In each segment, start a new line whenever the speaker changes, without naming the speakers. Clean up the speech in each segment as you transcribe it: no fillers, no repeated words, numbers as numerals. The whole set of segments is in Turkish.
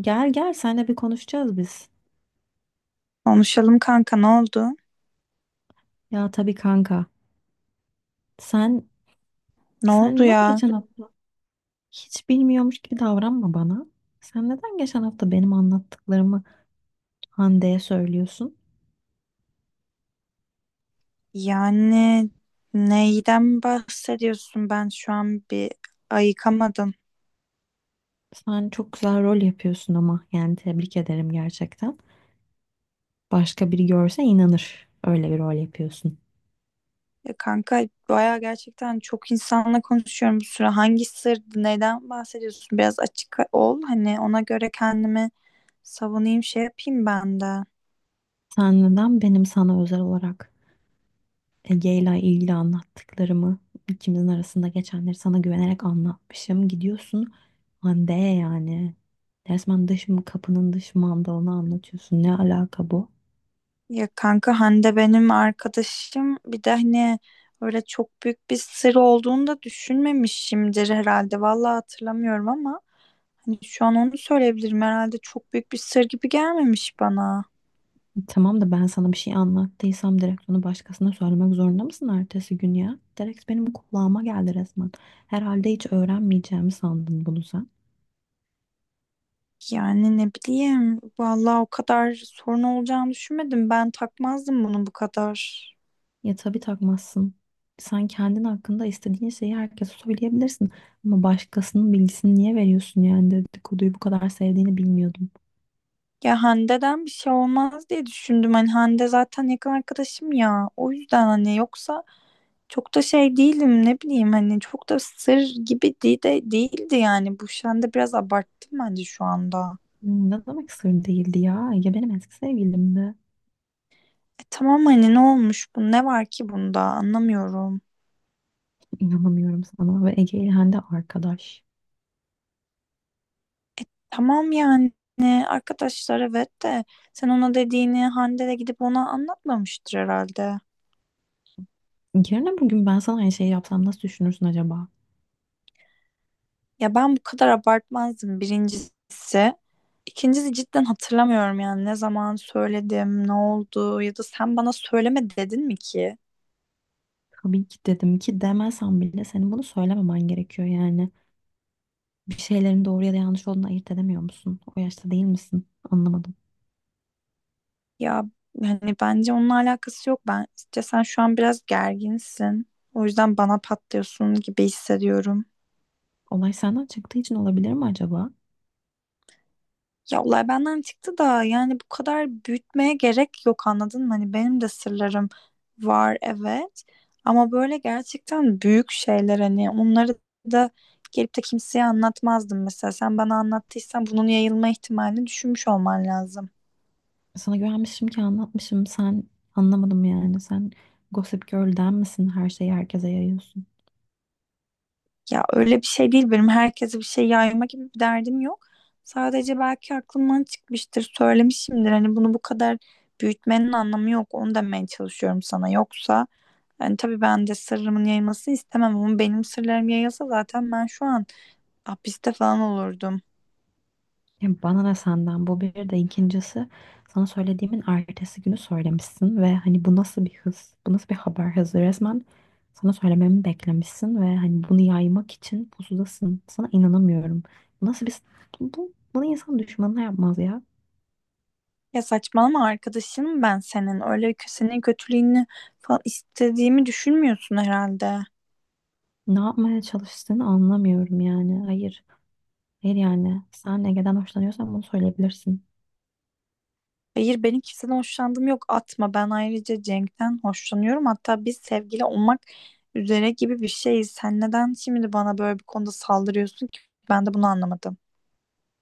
Gel gel seninle bir konuşacağız biz.
Konuşalım kanka, ne oldu?
Ya tabii kanka. Sen
Ne
sen
oldu
neden
ya?
geçen hafta hiç bilmiyormuş gibi davranma bana. Sen neden geçen hafta benim anlattıklarımı Hande'ye söylüyorsun?
Yani neyden bahsediyorsun? Ben şu an bir ayıkamadım.
Sen çok güzel rol yapıyorsun ama yani tebrik ederim gerçekten. Başka biri görse inanır öyle bir rol yapıyorsun.
Ya kanka baya gerçekten çok insanla konuşuyorum bu süre. Hangi sırdı? Neyden bahsediyorsun? Biraz açık ol. Hani ona göre kendimi savunayım, şey yapayım ben de.
Sen neden benim sana özel olarak Ege'yle ilgili anlattıklarımı ikimizin arasında geçenleri sana güvenerek anlatmışım. Gidiyorsun Hande yani. Resmen dış kapının dış mandalını anlatıyorsun. Ne alaka bu?
Ya kanka, Hande benim arkadaşım. Bir de hani öyle çok büyük bir sır olduğunu da düşünmemişimdir herhalde. Vallahi hatırlamıyorum ama. Hani şu an onu söyleyebilirim. Herhalde çok büyük bir sır gibi gelmemiş bana.
Tamam da ben sana bir şey anlattıysam direkt onu başkasına söylemek zorunda mısın ertesi gün ya? Direkt benim kulağıma geldi resmen. Herhalde hiç öğrenmeyeceğimi sandın bunu sen.
Yani ne bileyim. Vallahi o kadar sorun olacağını düşünmedim. Ben takmazdım bunu bu kadar.
Ya tabii takmazsın. Sen kendin hakkında istediğin şeyi herkese söyleyebilirsin. Ama başkasının bilgisini niye veriyorsun yani dedikoduyu bu kadar sevdiğini bilmiyordum.
Ya Hande'den bir şey olmaz diye düşündüm. Hani Hande zaten yakın arkadaşım ya. O yüzden hani yoksa çok da şey değilim, ne bileyim, hani çok da sır gibi de değildi yani. Bu Hande, biraz abarttım bence şu anda.
Ne demek sır değildi ya. Ege benim eski sevgilimdi.
E tamam, hani ne olmuş, bu ne var ki bunda, anlamıyorum.
İnanamıyorum sana ve Ege İlhan de arkadaş.
Tamam yani arkadaşlar, evet, de sen ona dediğini Hande de gidip ona anlatmamıştır herhalde.
Yarın bugün ben sana aynı şeyi yapsam nasıl düşünürsün acaba?
Ya ben bu kadar abartmazdım birincisi. İkincisi cidden hatırlamıyorum yani ne zaman söyledim, ne oldu ya da sen bana söyleme dedin mi ki?
Tabii ki dedim ki demesem bile senin bunu söylememen gerekiyor yani. Bir şeylerin doğru ya da yanlış olduğunu ayırt edemiyor musun? O yaşta değil misin? Anlamadım.
Ya hani bence onunla alakası yok. Bence sen şu an biraz gerginsin. O yüzden bana patlıyorsun gibi hissediyorum.
Olay senden çıktığı için olabilir mi acaba?
Ya olay benden çıktı da yani bu kadar büyütmeye gerek yok, anladın mı? Hani benim de sırlarım var evet, ama böyle gerçekten büyük şeyler, hani onları da gelip de kimseye anlatmazdım mesela. Sen bana anlattıysan bunun yayılma ihtimalini düşünmüş olman lazım.
Sana güvenmişim ki anlatmışım. Sen anlamadım yani. Sen Gossip Girl'den misin? Her şeyi herkese yayıyorsun.
Ya öyle bir şey değil, benim herkese bir şey yayma gibi bir derdim yok. Sadece belki aklımdan çıkmıştır, söylemişimdir. Hani bunu bu kadar büyütmenin anlamı yok. Onu demeye çalışıyorum sana. Yoksa yani tabii ben de sırrımın yayılmasını istemem, ama benim sırlarım yayılsa zaten ben şu an hapiste falan olurdum.
Ya bana ne senden bu bir de ikincisi sana söylediğimin ertesi günü söylemişsin ve hani bu nasıl bir hız? Bu nasıl bir haber hızı? Resmen sana söylememi beklemişsin ve hani bunu yaymak için pusudasın. Sana inanamıyorum. Bu nasıl bir bunu insan düşmanına yapmaz ya.
Ya saçmalama arkadaşım, ben senin, öyle senin kötülüğünü falan istediğimi düşünmüyorsun herhalde.
Ne yapmaya çalıştığını anlamıyorum yani. Hayır. Hayır yani. Sen Ege'den hoşlanıyorsan bunu söyleyebilirsin.
Hayır, benim kimseden hoşlandığım yok, atma. Ben ayrıca Cenk'ten hoşlanıyorum, hatta biz sevgili olmak üzere gibi bir şeyiz. Sen neden şimdi bana böyle bir konuda saldırıyorsun ki, ben de bunu anlamadım.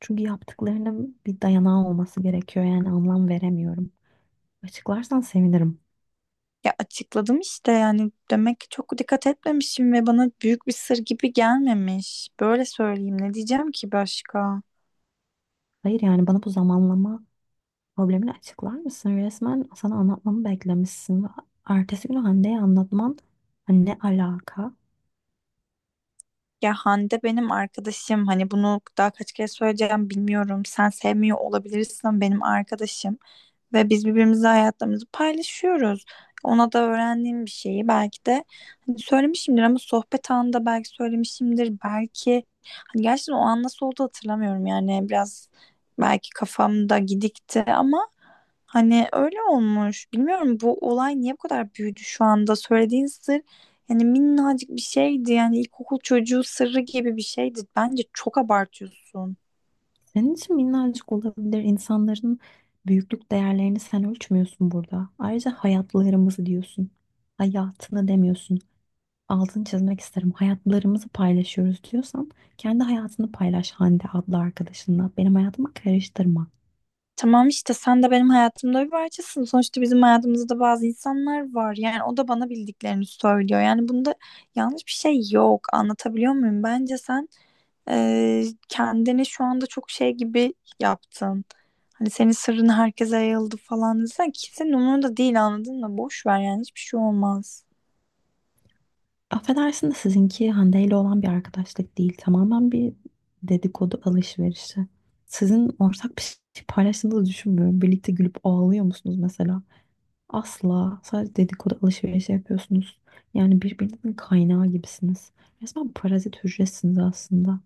Çünkü yaptıklarının bir dayanağı olması gerekiyor yani anlam veremiyorum. Açıklarsan sevinirim.
Ya açıkladım işte yani, demek ki çok dikkat etmemişim ve bana büyük bir sır gibi gelmemiş, böyle söyleyeyim. Ne diyeceğim ki başka?
Hayır yani bana bu zamanlama problemini açıklar mısın? Resmen sana anlatmamı beklemişsin ve ertesi günü Hande'ye anlatman, hani ne alaka?
Ya Hande benim arkadaşım, hani bunu daha kaç kere söyleyeceğim bilmiyorum, sen sevmiyor olabilirsin ama benim arkadaşım. Ve biz birbirimizle hayatlarımızı paylaşıyoruz. Ona da öğrendiğim bir şeyi belki de hani söylemişimdir, ama sohbet anında belki söylemişimdir. Belki hani gerçekten o an nasıl oldu hatırlamıyorum, yani biraz belki kafamda gidikti ama hani öyle olmuş. Bilmiyorum bu olay niye bu kadar büyüdü şu anda. Söylediğin sır yani minnacık bir şeydi, yani ilkokul çocuğu sırrı gibi bir şeydi. Bence çok abartıyorsun.
Senin için minnacık olabilir. İnsanların büyüklük değerlerini sen ölçmüyorsun burada. Ayrıca hayatlarımızı diyorsun. Hayatını demiyorsun. Altını çizmek isterim. Hayatlarımızı paylaşıyoruz diyorsan kendi hayatını paylaş Hande adlı arkadaşınla. Benim hayatıma karıştırma.
Tamam işte, sen de benim hayatımda bir parçasın. Sonuçta bizim hayatımızda bazı insanlar var. Yani o da bana bildiklerini söylüyor. Yani bunda yanlış bir şey yok. Anlatabiliyor muyum? Bence sen kendini şu anda çok şey gibi yaptın. Hani senin sırrın herkese yayıldı falan desen kimsenin umurunda değil, anladın mı? Boş ver yani, hiçbir şey olmaz.
Affedersin de sizinki Hande ile olan bir arkadaşlık değil. Tamamen bir dedikodu alışverişi. Sizin ortak bir şey paylaştığınızı düşünmüyorum. Birlikte gülüp ağlıyor musunuz mesela? Asla. Sadece dedikodu alışverişi yapıyorsunuz. Yani birbirinizin kaynağı gibisiniz. Resmen parazit hücresiniz aslında.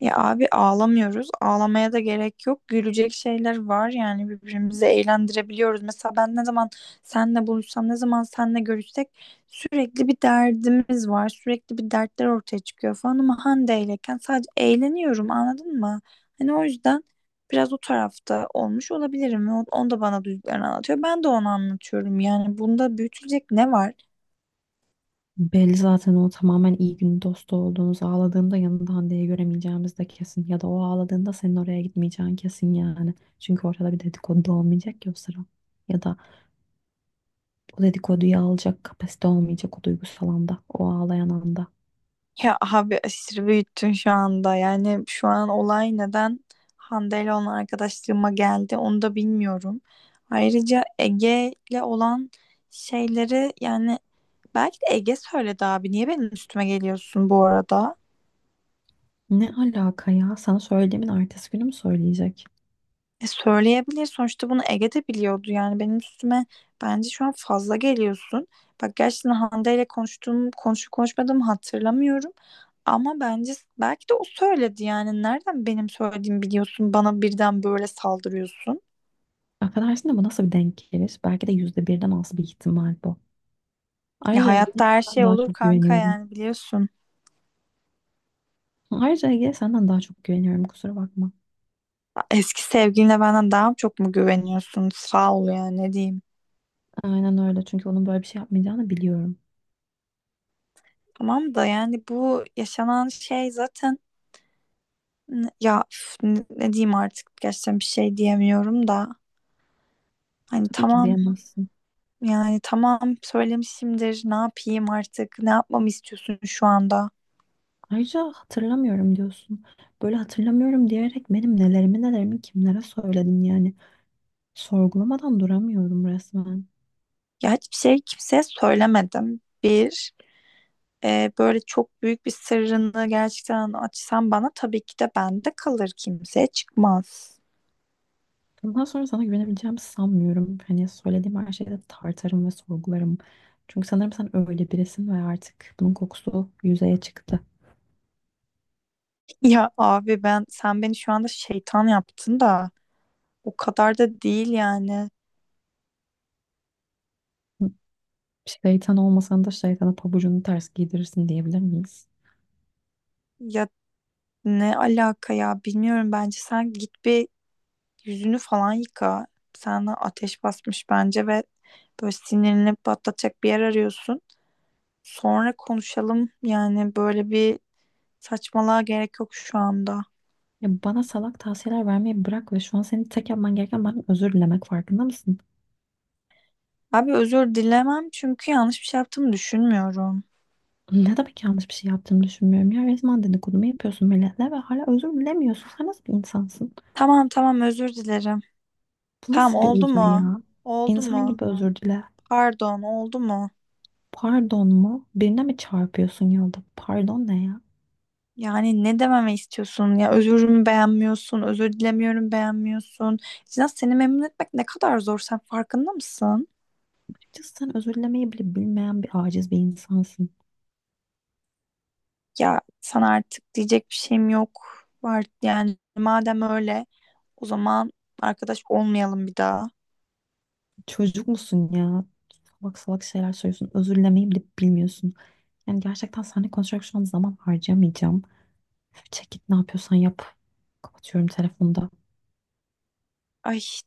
Ya abi, ağlamıyoruz. Ağlamaya da gerek yok. Gülecek şeyler var, yani birbirimizi eğlendirebiliyoruz. Mesela ben ne zaman seninle buluşsam, ne zaman seninle görüşsek sürekli bir derdimiz var. Sürekli bir dertler ortaya çıkıyor falan, ama Hande iyleyken sadece eğleniyorum, anladın mı? Hani o yüzden biraz o tarafta olmuş olabilirim. Onu da bana duyduklarını anlatıyor. Ben de onu anlatıyorum. Yani bunda büyütülecek ne var?
Belli zaten o tamamen iyi gün dostu olduğunuz ağladığında yanında Hande'yi göremeyeceğimiz de kesin. Ya da o ağladığında senin oraya gitmeyeceğin kesin yani. Çünkü ortada bir dedikodu da olmayacak ya o sıra. Ya da o dedikoduyu alacak kapasite olmayacak o duygusal anda. O ağlayan anda.
Ya abi, aşırı büyüttün şu anda. Yani şu an olay neden Hande ile olan arkadaşlığıma geldi onu da bilmiyorum. Ayrıca Ege ile olan şeyleri, yani belki de Ege söyledi abi. Niye benim üstüme geliyorsun bu arada?
Ne alaka ya? Sana söylediğimin ertesi günü mü söyleyecek?
E söyleyebilir. Sonuçta bunu Ege de biliyordu. Yani benim üstüme bence şu an fazla geliyorsun. Bak gerçekten Hande ile konuşup konuşmadığımı hatırlamıyorum. Ama bence belki de o söyledi yani. Nereden benim söylediğimi biliyorsun? Bana birden böyle saldırıyorsun.
Affedersin de bu nasıl bir denk gelir? Belki de yüzde birden az bir ihtimal bu.
Ya
Ayrıca Ege'ye
hayatta her
senden
şey
daha
olur
çok
kanka,
güveniyorum.
yani biliyorsun.
Ayrıca Ege'ye senden daha çok güveniyorum kusura bakma.
Eski sevgiline benden daha çok mu güveniyorsun? Sağ ol ya, ne diyeyim.
Aynen öyle çünkü onun böyle bir şey yapmayacağını biliyorum.
Tamam da yani bu yaşanan şey zaten, ya üf, ne diyeyim artık, gerçekten bir şey diyemiyorum da. Hani
Tabii ki
tamam
diyemezsin.
yani, tamam söylemişimdir, ne yapayım artık, ne yapmamı istiyorsun şu anda?
Ayrıca hatırlamıyorum diyorsun. Böyle hatırlamıyorum diyerek benim nelerimi nelerimi kimlere söyledin yani. Sorgulamadan duramıyorum resmen.
Ya hiçbir şey kimseye söylemedim. Böyle çok büyük bir sırrını gerçekten açsan bana tabii ki de bende kalır, kimseye çıkmaz.
Bundan sonra sana güvenebileceğimi sanmıyorum. Hani söylediğim her şeyde tartarım ve sorgularım. Çünkü sanırım sen öyle birisin ve artık bunun kokusu yüzeye çıktı.
Ya abi, ben sen beni şu anda şeytan yaptın da o kadar da değil yani.
Şeytan olmasan da şeytana pabucunu ters giydirirsin diyebilir miyiz?
Ya ne alaka ya, bilmiyorum, bence sen git bir yüzünü falan yıka. Sana ateş basmış bence ve böyle sinirini patlatacak bir yer arıyorsun. Sonra konuşalım. Yani böyle bir saçmalığa gerek yok şu anda.
Ya bana salak tavsiyeler vermeyi bırak ve şu an senin tek yapman gereken benden özür dilemek farkında mısın?
Abi özür dilemem çünkü yanlış bir şey yaptığımı düşünmüyorum.
Ne demek yanlış bir şey yaptığını düşünmüyorum ya. Resmen dedikodumu yapıyorsun milletle ve hala özür dilemiyorsun. Sen nasıl bir insansın?
Tamam tamam, özür dilerim.
Bu
Tamam,
nasıl bir
oldu
özür
mu?
ya?
Oldu
İnsan
mu?
gibi özür dile.
Pardon, oldu mu?
Pardon mu? Birine mi çarpıyorsun yolda? Pardon ne ya?
Yani ne dememi istiyorsun ya, özürümü beğenmiyorsun, özür dilemiyorum beğenmiyorsun. Sinan, seni memnun etmek ne kadar zor, sen farkında mısın?
Açıkçası sen özür dilemeyi bile bilmeyen bir aciz bir insansın.
Ya sana artık diyecek bir şeyim yok. Var yani, madem öyle o zaman arkadaş olmayalım bir daha.
Çocuk musun ya? Salak salak şeyler söylüyorsun. Özür dilemeyi bile bilmiyorsun. Yani gerçekten seninle konuşarak şu an zaman harcamayacağım. Üf, çek git ne yapıyorsan yap. Kapatıyorum telefonda.
Ay